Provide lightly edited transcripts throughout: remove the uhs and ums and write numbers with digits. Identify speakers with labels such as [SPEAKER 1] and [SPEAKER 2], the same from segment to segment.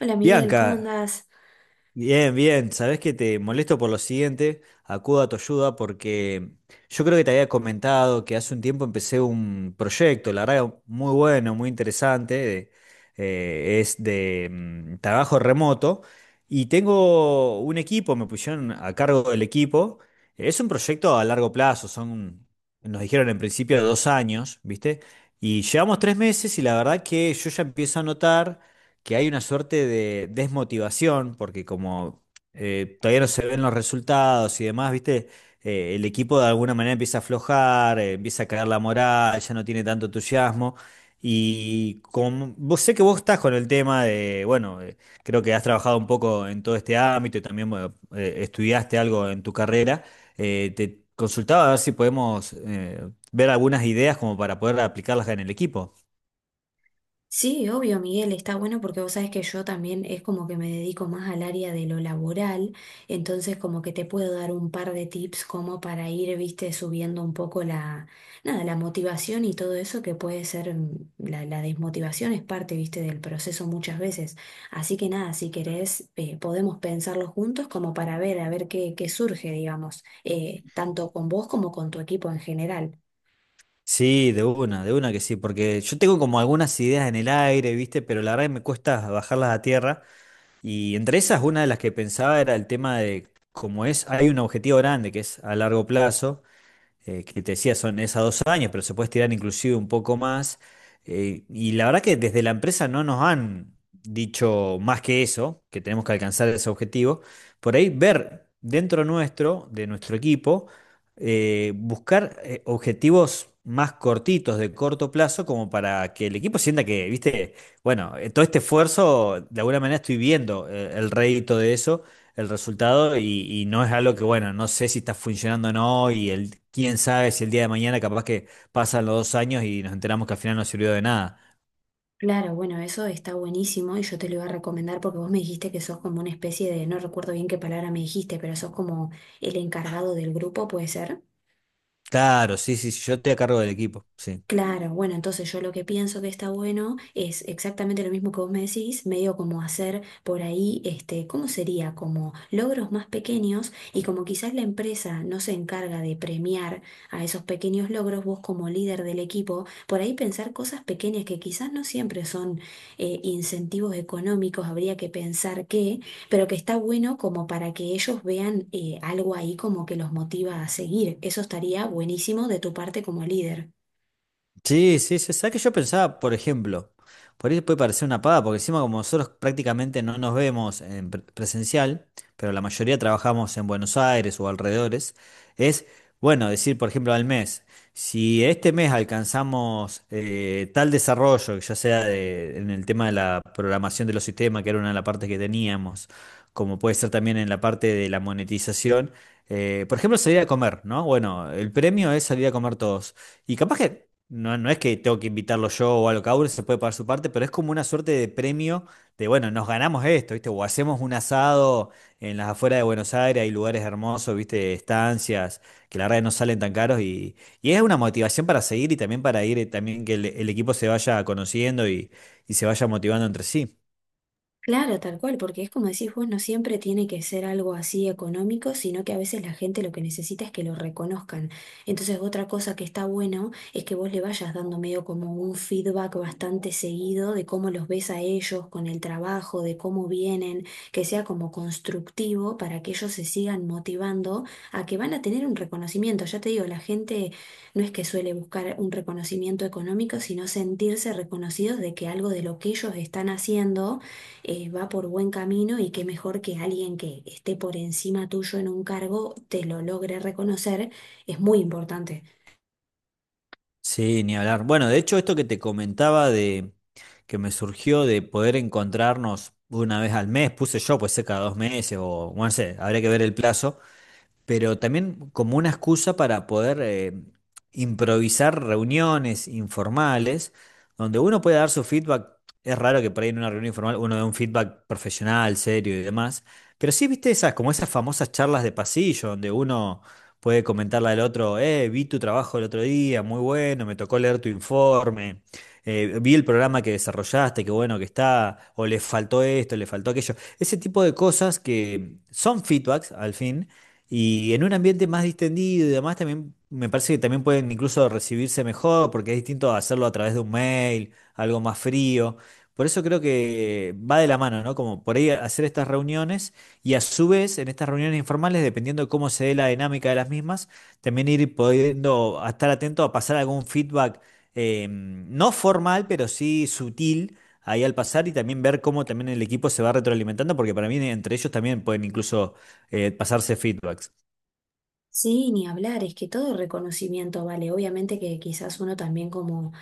[SPEAKER 1] Hola Miguel, ¿cómo
[SPEAKER 2] Bianca,
[SPEAKER 1] andás?
[SPEAKER 2] bien, bien. Sabés que te molesto por lo siguiente. Acudo a tu ayuda porque yo creo que te había comentado que hace un tiempo empecé un proyecto, la verdad, muy bueno, muy interesante. Es de trabajo remoto y tengo un equipo, me pusieron a cargo del equipo. Es un proyecto a largo plazo, son, nos dijeron en principio 2 años, ¿viste? Y llevamos 3 meses y la verdad que yo ya empiezo a notar que hay una suerte de desmotivación, porque como todavía no se ven los resultados y demás, ¿viste? El equipo de alguna manera empieza a aflojar, empieza a caer la moral, ya no tiene tanto entusiasmo. Y como vos sé que vos estás con el tema de, bueno, creo que has trabajado un poco en todo este ámbito y también bueno, estudiaste algo en tu carrera, te consultaba a ver si podemos ver algunas ideas como para poder aplicarlas en el equipo.
[SPEAKER 1] Sí, obvio Miguel, está bueno porque vos sabés que yo también es como que me dedico más al área de lo laboral, entonces como que te puedo dar un par de tips como para ir, viste, subiendo un poco la, nada, la motivación y todo eso que puede ser, la desmotivación es parte, viste, del proceso muchas veces. Así que nada, si querés, podemos pensarlo juntos como para ver, a ver qué surge, digamos, tanto con vos como con tu equipo en general.
[SPEAKER 2] Sí, de una que sí, porque yo tengo como algunas ideas en el aire, ¿viste? Pero la verdad que me cuesta bajarlas a tierra. Y entre esas, una de las que pensaba era el tema de, como es, hay un objetivo grande que es a largo plazo que te decía son esas 2 años, pero se puede estirar inclusive un poco más. Y la verdad que desde la empresa no nos han dicho más que eso, que tenemos que alcanzar ese objetivo. Por ahí ver dentro nuestro, de nuestro equipo, buscar objetivos más cortitos, de corto plazo, como para que el equipo sienta que, viste, bueno, todo este esfuerzo, de alguna manera estoy viendo el rédito de eso, el resultado y no es algo que, bueno, no sé si está funcionando o no y el, quién sabe si el día de mañana capaz que pasan los 2 años y nos enteramos que al final no sirvió de nada.
[SPEAKER 1] Claro, bueno, eso está buenísimo y yo te lo iba a recomendar porque vos me dijiste que sos como una especie de, no recuerdo bien qué palabra me dijiste, pero sos como el encargado del grupo, ¿puede ser?
[SPEAKER 2] Claro, sí, sí, sí, yo estoy a cargo del equipo, sí.
[SPEAKER 1] Claro, bueno, entonces yo lo que pienso que está bueno es exactamente lo mismo que vos me decís, medio como hacer por ahí, este, ¿cómo sería? Como logros más pequeños y como quizás la empresa no se encarga de premiar a esos pequeños logros, vos como líder del equipo, por ahí pensar cosas pequeñas que quizás no siempre son incentivos económicos, habría que pensar que, pero que está bueno como para que ellos vean algo ahí como que los motiva a seguir. Eso estaría buenísimo de tu parte como líder.
[SPEAKER 2] Sí, sí, sí. ¿Sabes que yo pensaba, por ejemplo, por ahí puede parecer una paga, porque encima como nosotros prácticamente no nos vemos en presencial, pero la mayoría trabajamos en Buenos Aires o alrededores, es, bueno, decir, por ejemplo, al mes, si este mes alcanzamos tal desarrollo, ya sea en el tema de la programación de los sistemas, que era una de las partes que teníamos, como puede ser también en la parte de la monetización, por ejemplo, salir a comer, ¿no? Bueno, el premio es salir a comer todos. Y capaz que no, no es que tengo que invitarlo yo o algo, cada uno se puede pagar su parte, pero es como una suerte de premio de, bueno, nos ganamos esto, ¿viste? O hacemos un asado en las afueras de Buenos Aires, hay lugares hermosos, ¿viste? Estancias, que la verdad no salen tan caros, y es una motivación para seguir y también para ir, también que el equipo se vaya conociendo y se vaya motivando entre sí.
[SPEAKER 1] Claro, tal cual, porque es como decís vos, no siempre tiene que ser algo así económico, sino que a veces la gente lo que necesita es que lo reconozcan. Entonces, otra cosa que está bueno es que vos le vayas dando medio como un feedback bastante seguido de cómo los ves a ellos con el trabajo, de cómo vienen, que sea como constructivo para que ellos se sigan motivando a que van a tener un reconocimiento. Ya te digo, la gente no es que suele buscar un reconocimiento económico, sino sentirse reconocidos de que algo de lo que ellos están haciendo va por buen camino y qué mejor que alguien que esté por encima tuyo en un cargo te lo logre reconocer, es muy importante.
[SPEAKER 2] Sí, ni hablar. Bueno, de hecho, esto que te comentaba de que me surgió de poder encontrarnos una vez al mes, puse yo, pues sé cada 2 meses o, bueno, no sé, habría que ver el plazo, pero también como una excusa para poder improvisar reuniones informales donde uno puede dar su feedback. Es raro que por ahí en una reunión informal uno dé un feedback profesional, serio y demás, pero sí, viste esas, como esas famosas charlas de pasillo donde uno puede comentarle al otro, vi tu trabajo el otro día, muy bueno, me tocó leer tu informe. Vi el programa que desarrollaste, qué bueno que está, o le faltó esto, le faltó aquello. Ese tipo de cosas que son feedbacks al fin, y en un ambiente más distendido y demás, también me parece que también pueden incluso recibirse mejor, porque es distinto hacerlo a través de un mail, algo más frío. Por eso creo que va de la mano, ¿no? Como por ahí hacer estas reuniones y a su vez en estas reuniones informales, dependiendo de cómo se dé la dinámica de las mismas, también ir pudiendo a estar atento a pasar algún feedback no formal, pero sí sutil ahí al pasar y también ver cómo también el equipo se va retroalimentando, porque para mí entre ellos también pueden incluso pasarse feedbacks.
[SPEAKER 1] Sí, ni hablar, es que todo reconocimiento vale. Obviamente que quizás uno también como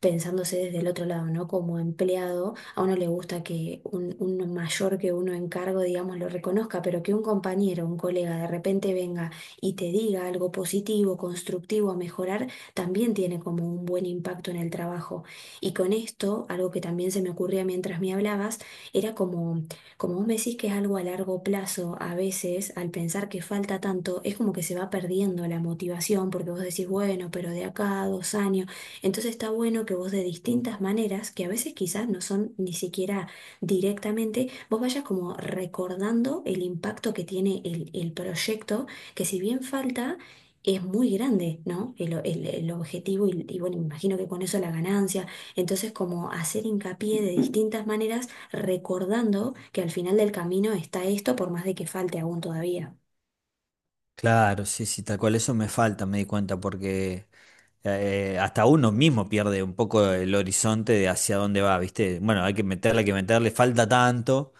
[SPEAKER 1] pensándose desde el otro lado, ¿no? Como empleado, a uno le gusta que un mayor que uno en cargo, digamos, lo reconozca, pero que un compañero, un colega de repente venga y te diga algo positivo, constructivo a mejorar, también tiene como un buen impacto en el trabajo. Y con esto, algo que también se me ocurría mientras me hablabas, era como como vos me decís que es algo a largo plazo, a veces al pensar que falta tanto, es como que se va perdiendo la motivación porque vos decís, bueno, pero de acá a 2 años. Entonces está bueno que vos de distintas maneras, que a veces quizás no son ni siquiera directamente, vos vayas como recordando el impacto que tiene el proyecto, que si bien falta... Es muy grande, ¿no? El objetivo y bueno, me imagino que con eso la ganancia. Entonces, como hacer hincapié de distintas maneras recordando que al final del camino está esto por más de que falte aún todavía.
[SPEAKER 2] Claro, sí, sí, tal cual eso me falta, me di cuenta, porque hasta uno mismo pierde un poco el horizonte de hacia dónde va, ¿viste? Bueno, hay que meterle, falta tanto,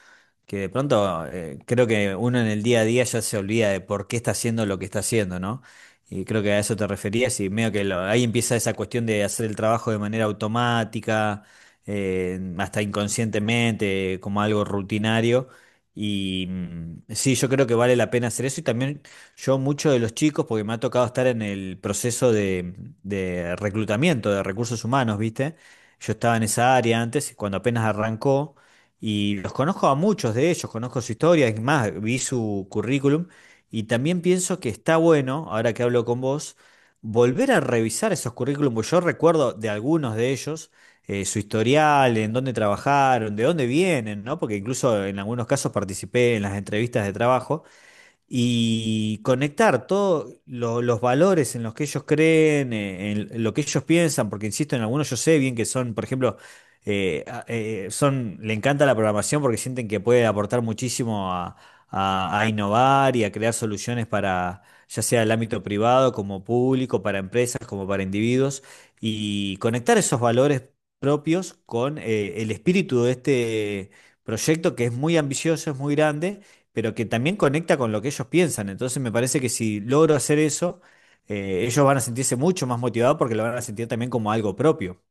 [SPEAKER 2] que de pronto creo que uno en el día a día ya se olvida de por qué está haciendo lo que está haciendo, ¿no? Y creo que a eso te referías y medio que ahí empieza esa cuestión de hacer el trabajo de manera automática, hasta inconscientemente, como algo rutinario. Y mm, sí, yo creo que vale la pena hacer eso y también yo muchos de los chicos, porque me ha tocado estar en el proceso de reclutamiento de recursos humanos, ¿viste? Yo estaba en esa área antes, cuando apenas arrancó, y los conozco a muchos de ellos, conozco su historia, es más, vi su currículum, y también pienso que está bueno, ahora que hablo con vos, volver a revisar esos currículums, porque yo recuerdo de algunos de ellos, su historial, en dónde trabajaron, de dónde vienen, ¿no? Porque incluso en algunos casos participé en las entrevistas de trabajo y conectar todos los valores en los que ellos creen, en lo que ellos piensan, porque insisto, en algunos yo sé bien que son, por ejemplo, le encanta la programación porque sienten que puede aportar muchísimo a, a innovar y a crear soluciones para, ya sea el ámbito privado, como público, para empresas, como para individuos, y conectar esos valores propios con el espíritu de este proyecto que es muy ambicioso, es muy grande pero que también conecta con lo que ellos piensan. Entonces me parece que si logro hacer eso, ellos van a sentirse mucho más motivados porque lo van a sentir también como algo propio.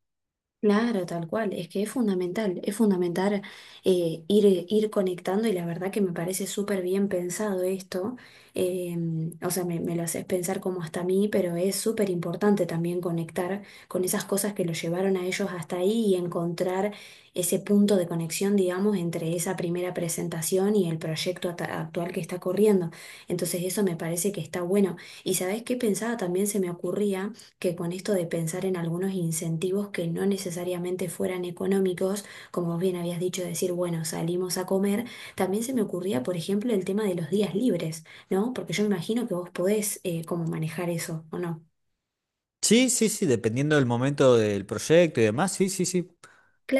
[SPEAKER 1] Claro, tal cual, es que es fundamental, es fundamental, ir conectando y la verdad que me parece súper bien pensado esto, eh, o sea, me lo haces pensar como hasta a mí, pero es súper importante también conectar con esas cosas que lo llevaron a ellos hasta ahí y encontrar ese punto de conexión, digamos, entre esa primera presentación y el proyecto actual que está corriendo. Entonces eso me parece que está bueno. Y ¿sabés qué pensaba? También se me ocurría que con esto de pensar en algunos incentivos que no necesariamente fueran económicos, como vos bien habías dicho, decir, bueno, salimos a comer, también se me ocurría, por ejemplo, el tema de los días libres, ¿no? Porque yo imagino que vos podés como manejar eso, ¿o no?
[SPEAKER 2] Sí, sí, sí, dependiendo del momento del proyecto y demás, sí, sí, sí.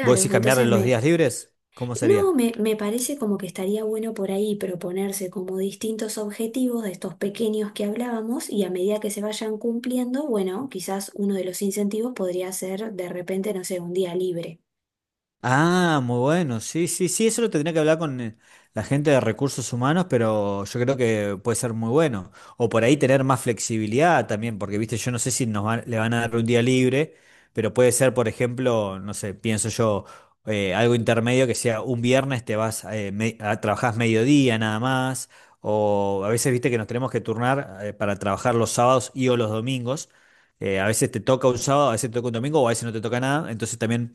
[SPEAKER 2] ¿Vos decís cambiarle
[SPEAKER 1] entonces
[SPEAKER 2] los
[SPEAKER 1] me...
[SPEAKER 2] días libres? ¿Cómo sería?
[SPEAKER 1] No, me parece como que estaría bueno por ahí proponerse como distintos objetivos de estos pequeños que hablábamos y a medida que se vayan cumpliendo, bueno, quizás uno de los incentivos podría ser de repente, no sé, un día libre.
[SPEAKER 2] Ah, muy bueno. Sí, sí, sí, eso lo tendría que hablar con la gente de recursos humanos, pero yo creo que puede ser muy bueno. O por ahí tener más flexibilidad también, porque, viste, yo no sé si nos van, le van a dar un día libre, pero puede ser, por ejemplo, no sé, pienso yo, algo intermedio que sea un viernes te vas, trabajás mediodía nada más, o a veces, viste, que nos tenemos que turnar, para trabajar los sábados y o los domingos. A veces te toca un sábado, a veces te toca un domingo, o a veces no te toca nada. Entonces también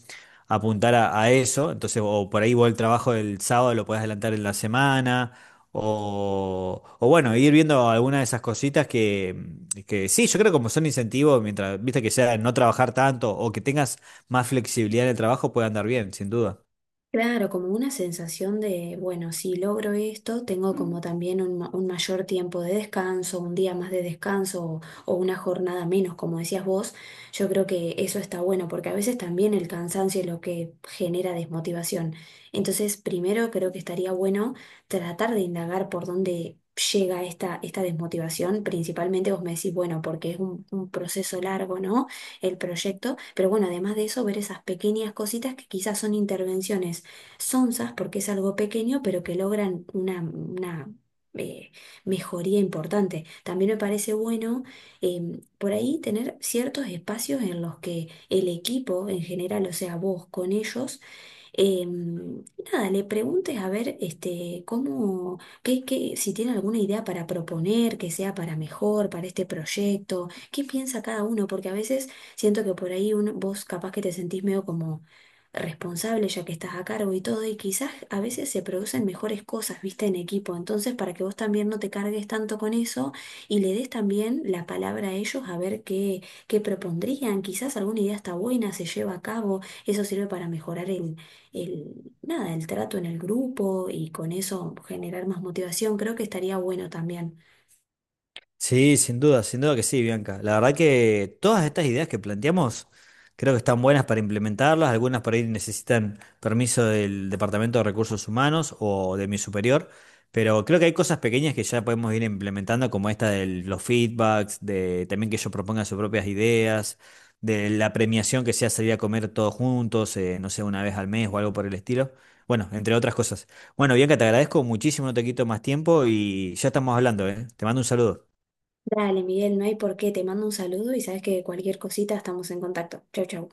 [SPEAKER 2] apuntar a eso. Entonces, o por ahí vos el trabajo del sábado lo podés adelantar en la semana. O bueno, ir viendo algunas de esas cositas que sí, yo creo que como son incentivos, mientras, viste que sea no trabajar tanto o que tengas más flexibilidad en el trabajo, puede andar bien, sin duda.
[SPEAKER 1] Claro, como una sensación de, bueno, si logro esto, tengo como también un, un mayor tiempo de descanso, un día más de descanso o una jornada menos, como decías vos. Yo creo que eso está bueno porque a veces también el cansancio es lo que genera desmotivación. Entonces, primero creo que estaría bueno tratar de indagar por dónde llega esta desmotivación. Principalmente vos me decís, bueno, porque es un proceso largo, ¿no? El proyecto. Pero bueno, además de eso, ver esas pequeñas cositas que quizás son intervenciones sonsas porque es algo pequeño, pero que logran una, eh, mejoría importante. También me parece bueno, por ahí tener ciertos espacios en los que el equipo en general, o sea, vos con ellos, Em, nada, le preguntes a ver este, si tiene alguna idea para proponer, que sea para mejor, para este proyecto, qué piensa cada uno, porque a veces siento que por ahí vos capaz que te sentís medio como responsable ya que estás a cargo y todo, y quizás a veces se producen mejores cosas, viste, en equipo, entonces para que vos también no te cargues tanto con eso y le des también la palabra a ellos a ver qué propondrían, quizás alguna idea está buena, se lleva a cabo. Eso sirve para mejorar el, nada, el trato en el grupo y con eso generar más motivación, creo que estaría bueno también.
[SPEAKER 2] Sí, sin duda, sin duda que sí, Bianca. La verdad que todas estas ideas que planteamos creo que están buenas para implementarlas, algunas por ahí necesitan permiso del Departamento de Recursos Humanos o de mi superior, pero creo que hay cosas pequeñas que ya podemos ir implementando, como esta de los feedbacks, de también que ellos propongan sus propias ideas, de la premiación que sea salir a comer todos juntos, no sé, una vez al mes o algo por el estilo. Bueno, entre otras cosas. Bueno, Bianca, te agradezco muchísimo, no te quito más tiempo y ya estamos hablando, ¿eh? Te mando un saludo.
[SPEAKER 1] Dale, Miguel, no hay por qué, te mando un saludo y sabes que cualquier cosita estamos en contacto. Chau, chau.